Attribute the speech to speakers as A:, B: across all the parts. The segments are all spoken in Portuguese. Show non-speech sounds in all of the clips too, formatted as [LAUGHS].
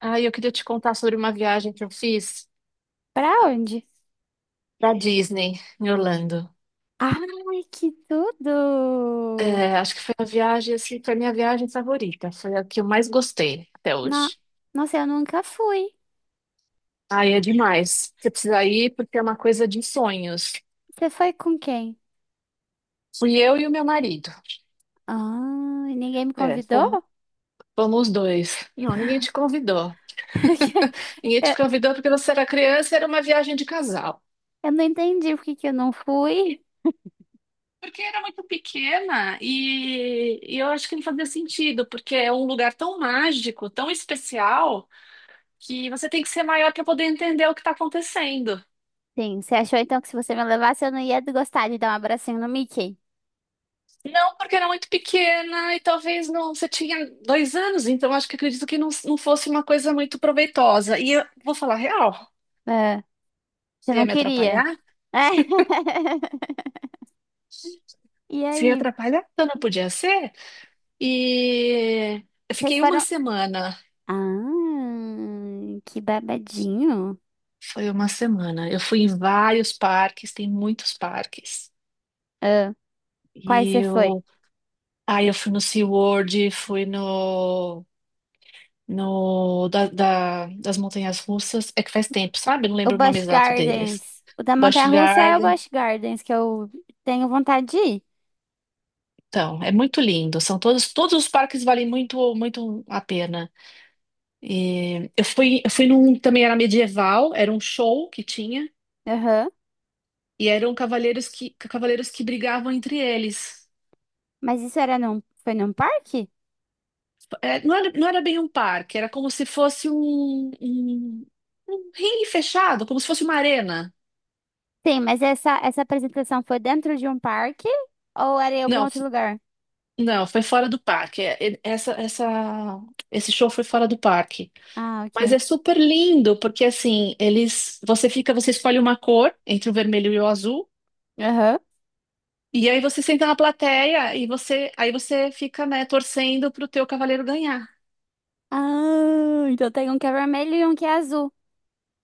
A: Ah, eu queria te contar sobre uma viagem que eu fiz
B: Pra onde?
A: para Disney, em Orlando.
B: Ai, que tudo!
A: É, acho que foi a minha viagem favorita. Foi a que eu mais gostei até
B: Na...
A: hoje.
B: Nossa, eu nunca fui.
A: Ai, é demais. Você precisa ir porque é uma coisa de sonhos.
B: Você foi com quem?
A: Fui eu e o meu marido.
B: Ah, e ninguém me
A: É, fomos,
B: convidou?
A: fomos os dois. Não, ninguém te convidou.
B: [LAUGHS]
A: Ninguém te
B: Eu,
A: convidou porque você era criança, e era uma viagem de casal.
B: eu não entendi por que que eu não fui.
A: Porque era muito pequena e eu acho que não fazia sentido, porque é um lugar tão mágico, tão especial, que você tem que ser maior para poder entender o que está acontecendo.
B: Sim, você achou então que se você me levasse eu não ia gostar de dar um abracinho no Mickey?
A: Não, porque era muito pequena e talvez não. Você tinha 2 anos, então acho que acredito que não fosse uma coisa muito proveitosa. E eu vou falar a real,
B: Ah, você
A: você
B: não
A: ia me
B: queria?
A: atrapalhar?
B: [LAUGHS] E
A: Você ia
B: aí,
A: atrapalhar? Então não podia ser. E eu
B: vocês
A: fiquei uma
B: foram...
A: semana.
B: Ah, que babadinho.
A: Foi uma semana. Eu fui em vários parques, tem muitos parques.
B: Ah, quais
A: E
B: você foi?
A: eu, aí eu fui no SeaWorld, fui no das montanhas russas. É que faz tempo, sabe? Não
B: O
A: lembro o nome
B: Busch
A: exato deles.
B: Gardens. O da
A: Busch
B: Montanha-Russa é o
A: Garden.
B: Busch Gardens, que eu tenho vontade de ir.
A: Então, é muito lindo. São todos os parques valem muito, muito a pena. E eu fui num que também era medieval, era um show que tinha,
B: Aham.
A: e eram cavaleiros que brigavam entre eles.
B: Mas isso era num, foi num parque?
A: É, não era bem um parque, era como se fosse um ringue fechado, como se fosse uma arena.
B: Sim, mas essa apresentação foi dentro de um parque ou era em algum
A: Não,
B: outro lugar?
A: não, foi fora do parque. É, é, Essa, esse show foi fora do parque.
B: Ah,
A: Mas
B: ok.
A: é super lindo, porque assim, você escolhe uma cor entre o vermelho e o azul,
B: Aham.
A: e aí você senta na plateia e aí você fica, né, torcendo pro teu cavaleiro ganhar.
B: Ah, então tem um que é vermelho e um que é azul.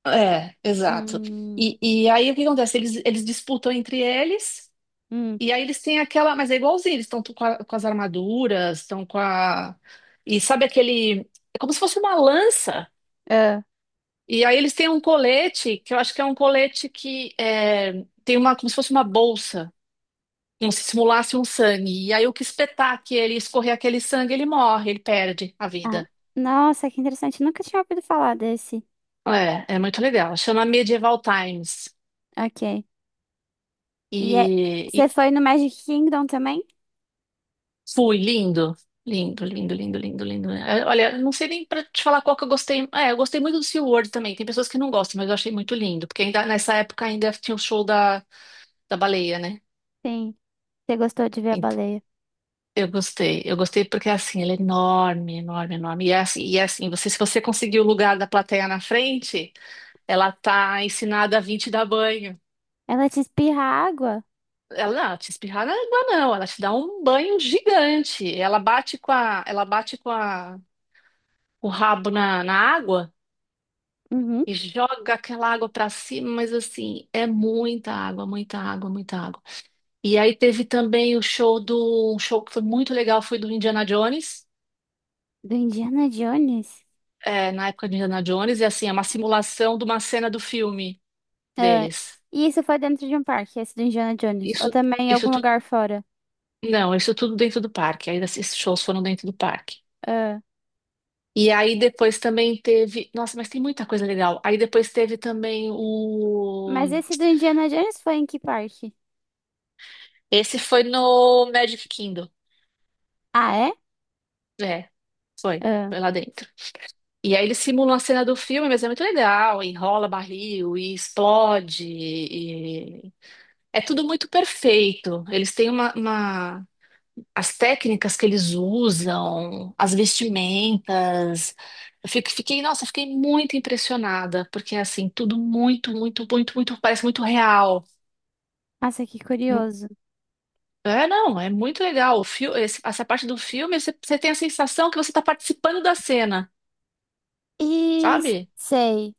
A: É, exato.
B: Hum,
A: E, e aí o que acontece? Eles disputam entre eles,
B: hum,
A: e aí eles têm aquela. Mas é igualzinho, eles estão com as armaduras, estão com a. E sabe aquele. É como se fosse uma lança.
B: ah.
A: E aí eles têm um colete, que eu acho que é um colete que é, tem uma, como se fosse uma bolsa, como se simulasse um sangue. E aí o que espetar que ele escorrer aquele sangue, ele morre, ele perde a
B: Ah,
A: vida.
B: nossa, que interessante. Nunca tinha ouvido falar desse.
A: É muito legal. Chama Medieval Times.
B: Ok. E é-
A: E
B: Você foi no Magic Kingdom também?
A: fui, lindo. Lindo, lindo, lindo, lindo, lindo. É, olha, não sei nem pra te falar qual que eu gostei. É, eu gostei muito do SeaWorld também. Tem pessoas que não gostam, mas eu achei muito lindo. Porque ainda nessa época ainda tinha o show da baleia, né?
B: Sim. Você gostou de ver a baleia?
A: Eu gostei porque assim, ele é enorme, enorme, enorme. Você, se você conseguir o lugar da plateia na frente, ela tá ensinada a vir te dar banho.
B: Ela te espirra água?
A: Ela não, te espirrar na água, não, ela te dá um banho gigante. Ela bate com o rabo na água
B: Uhum.
A: e joga aquela água pra cima, mas assim, é muita água, muita água, muita água. E aí teve também um show que foi muito legal, foi do Indiana Jones.
B: Do Indiana Jones?
A: É, na época de Indiana Jones, e assim, é uma simulação de uma cena do filme
B: Ah,
A: deles.
B: e isso foi dentro de um parque, esse do Indiana Jones. Ou
A: Isso,
B: também em
A: isso
B: algum
A: tudo,
B: lugar fora.
A: não, isso tudo dentro do parque. Aí esses shows foram dentro do parque.
B: Ah,
A: E aí depois também teve, nossa, mas tem muita coisa legal. Aí depois teve também o,
B: mas esse do Indiana Jones foi em que parque?
A: esse foi no Magic Kingdom.
B: Ah, é?
A: É, foi,
B: Ah,
A: foi lá dentro. E aí eles simulam a cena do filme, mas é muito legal, enrola barril e explode, é tudo muito perfeito. Eles têm as técnicas que eles usam, as vestimentas. Eu fiquei, nossa, fiquei muito impressionada, porque assim, tudo muito, muito, muito, muito, parece muito real.
B: nossa, que
A: Não-
B: curioso.
A: É, não, é muito legal. Essa parte do filme, você tem a sensação que você está participando da cena, sabe?
B: Sei.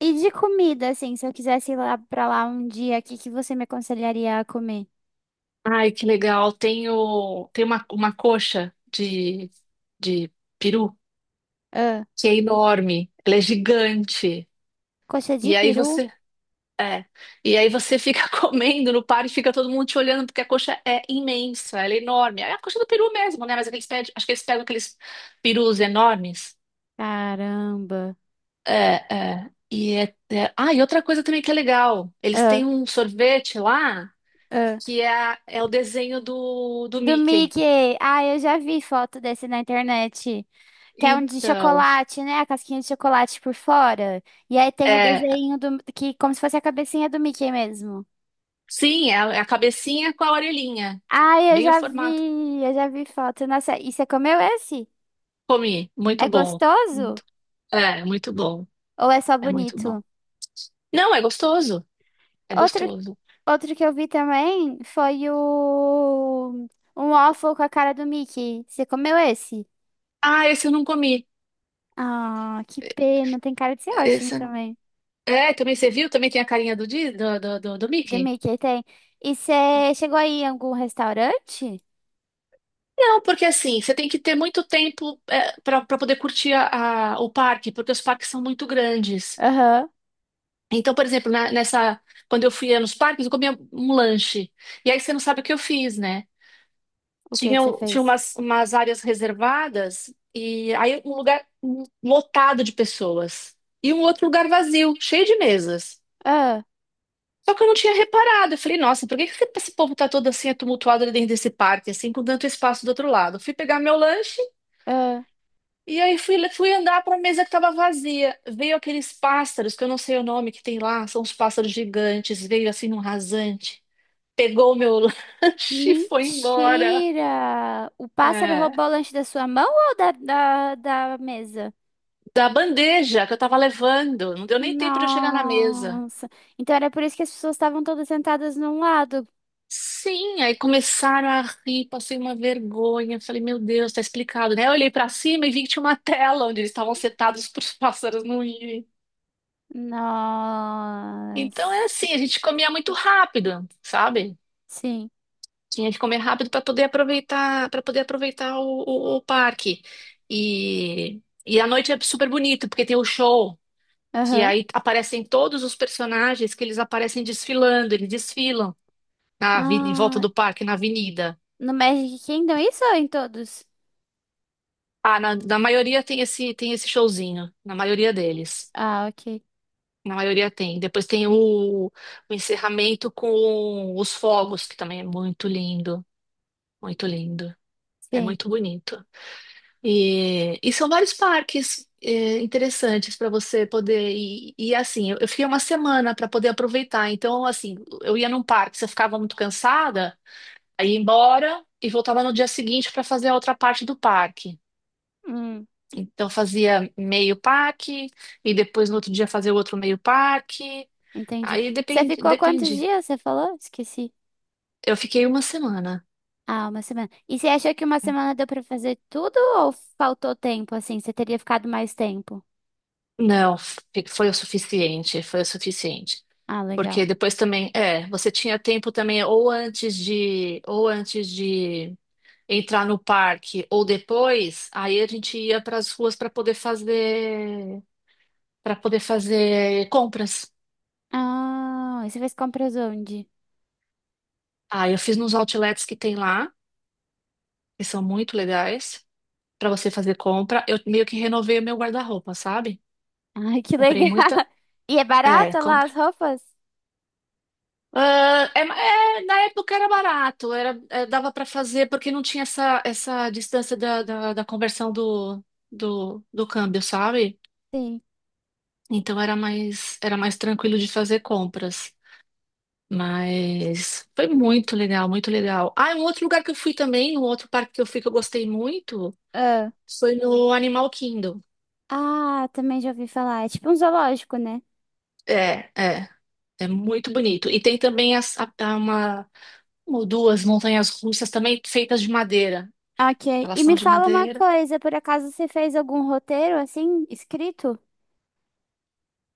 B: E de comida, assim, se eu quisesse ir lá pra lá um dia, o que que você me aconselharia a comer?
A: Ai, que legal. Tem uma coxa de peru
B: Ah,
A: que é enorme, ela é gigante.
B: coxa de
A: E aí
B: peru?
A: você É. E aí você fica [LAUGHS] comendo no par e fica todo mundo te olhando, porque a coxa é imensa, ela é enorme. É a coxa do peru mesmo, né? Mas aqueles pés, acho que eles pegam aqueles perus enormes.
B: Caramba.
A: É, é. Ah, e outra coisa também que é legal. Eles
B: Ah,
A: têm um sorvete lá
B: ah.
A: que é o desenho do
B: Do
A: Mickey.
B: Mickey. Ah, eu já vi foto desse na internet. Que é um de
A: Então,
B: chocolate, né? A casquinha de chocolate por fora. E aí tem o
A: é.
B: desenho do, que como se fosse a cabecinha do Mickey mesmo.
A: Sim, é a, cabecinha com a orelhinha.
B: Ai,
A: Bem o formato.
B: eu já vi foto. Nossa, e você comeu esse?
A: Comi.
B: É
A: Muito bom.
B: gostoso
A: Muito- É, muito bom.
B: ou é só
A: É muito bom.
B: bonito?
A: Não, é gostoso. É
B: Outro,
A: gostoso.
B: outro que eu vi também foi o um waffle com a cara do Mickey. Você comeu esse?
A: Ah, esse eu não comi.
B: Ah, que pena. Tem cara de ser ótimo
A: Esse eu não...
B: também.
A: É, também você viu? Também tem a carinha do, Di- do, do, do, do
B: Do
A: Mickey?
B: Mickey tem. E você chegou aí em algum restaurante?
A: Não, porque assim, você tem que ter muito tempo, para poder curtir o parque, porque os parques são muito grandes.
B: Aham.
A: Então, por exemplo, quando eu fui nos parques, eu comia um lanche. E aí você não sabe o que eu fiz, né?
B: O que que
A: Tinha,
B: você
A: tinha
B: fez?
A: umas áreas reservadas e aí um lugar um lotado de pessoas. E um outro lugar vazio, cheio de mesas.
B: Ah,
A: Só que eu não tinha reparado. Eu falei, nossa, por que que esse povo tá todo assim, tumultuado ali dentro desse parque, assim, com tanto espaço do outro lado? Fui pegar meu lanche
B: ah,
A: e aí fui andar para a mesa que tava vazia. Veio aqueles pássaros, que eu não sei o nome que tem lá, são uns pássaros gigantes, veio assim num rasante, pegou o meu [LAUGHS] lanche e foi embora.
B: mentira! O pássaro
A: É,
B: roubou o lanche da sua mão ou da mesa?
A: da bandeja que eu tava levando. Não deu nem tempo de eu chegar na mesa.
B: Nossa! Então era por isso que as pessoas estavam todas sentadas num lado.
A: Sim, aí começaram a rir, passei uma vergonha. Falei, meu Deus, tá explicado, né? Eu olhei pra cima e vi que tinha uma tela onde eles estavam setados para os [LAUGHS] pássaros não irem. Então é
B: Nossa!
A: assim, a gente comia muito rápido, sabe?
B: Sim.
A: Tinha que comer rápido para poder aproveitar o parque. E e à noite é super bonito, porque tem o show, que
B: Aham.
A: aí aparecem todos os personagens que eles aparecem desfilando, eles desfilam em volta
B: Ah,
A: do parque, na avenida.
B: no Magic Kingdom, isso ou em todos?
A: Ah, na maioria tem esse showzinho. Na maioria deles.
B: Ah, ok.
A: Na maioria tem. Depois tem o encerramento com os fogos, que também é muito lindo. Muito lindo. É
B: Sim.
A: muito bonito. E são vários parques interessantes para você poder ir. E assim, eu fiquei uma semana para poder aproveitar. Então, assim, eu ia num parque, você ficava muito cansada, aí ia embora e voltava no dia seguinte para fazer a outra parte do parque.
B: Hum,
A: Então fazia meio pack e depois no outro dia fazia outro meio pack.
B: entendi.
A: Aí
B: Você
A: depende,
B: ficou quantos
A: depende.
B: dias? Você falou? Esqueci.
A: Eu fiquei uma semana.
B: Ah, uma semana. E você achou que uma semana deu pra fazer tudo ou faltou tempo, assim? Você teria ficado mais tempo?
A: Não, foi o suficiente, foi o suficiente.
B: Ah, legal.
A: Porque depois também, é, você tinha tempo também ou antes de entrar no parque ou depois, aí a gente ia para as ruas para poder fazer compras.
B: Ah, e você fez compras onde?
A: Ah, eu fiz nos outlets que tem lá, que são muito legais, para você fazer compra. Eu meio que renovei o meu guarda-roupa, sabe?
B: [LAUGHS] Ai, que
A: Comprei
B: legal.
A: muita.
B: [LAUGHS] E é
A: É,
B: barata lá
A: compra.
B: as roupas?
A: Ah, é, na época era barato, dava para fazer porque não tinha essa, distância da conversão do câmbio, sabe?
B: Sim.
A: Então era mais tranquilo de fazer compras. Mas foi muito legal, muito legal. Ah, um outro lugar que eu fui também, um outro parque que eu fui que eu gostei muito,
B: Ah,
A: foi no Animal Kingdom.
B: ah, também já ouvi falar. É tipo um zoológico, né?
A: É, é. É muito bonito. E tem também as, a- uma, ou duas montanhas russas também feitas de madeira.
B: Ok.
A: Elas
B: E
A: são
B: me
A: de
B: fala uma
A: madeira.
B: coisa, por acaso você fez algum roteiro assim, escrito?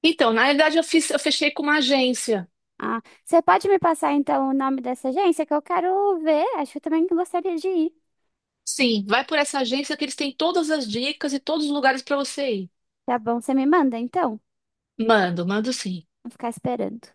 A: Então, na realidade, eu fechei com uma agência.
B: Ah, você pode me passar então o nome dessa agência que eu quero ver? Acho que eu também gostaria de ir.
A: Sim, vai por essa agência que eles têm todas as dicas e todos os lugares para você ir.
B: Tá bom, você me manda então?
A: Mando, mando sim.
B: Vou ficar esperando.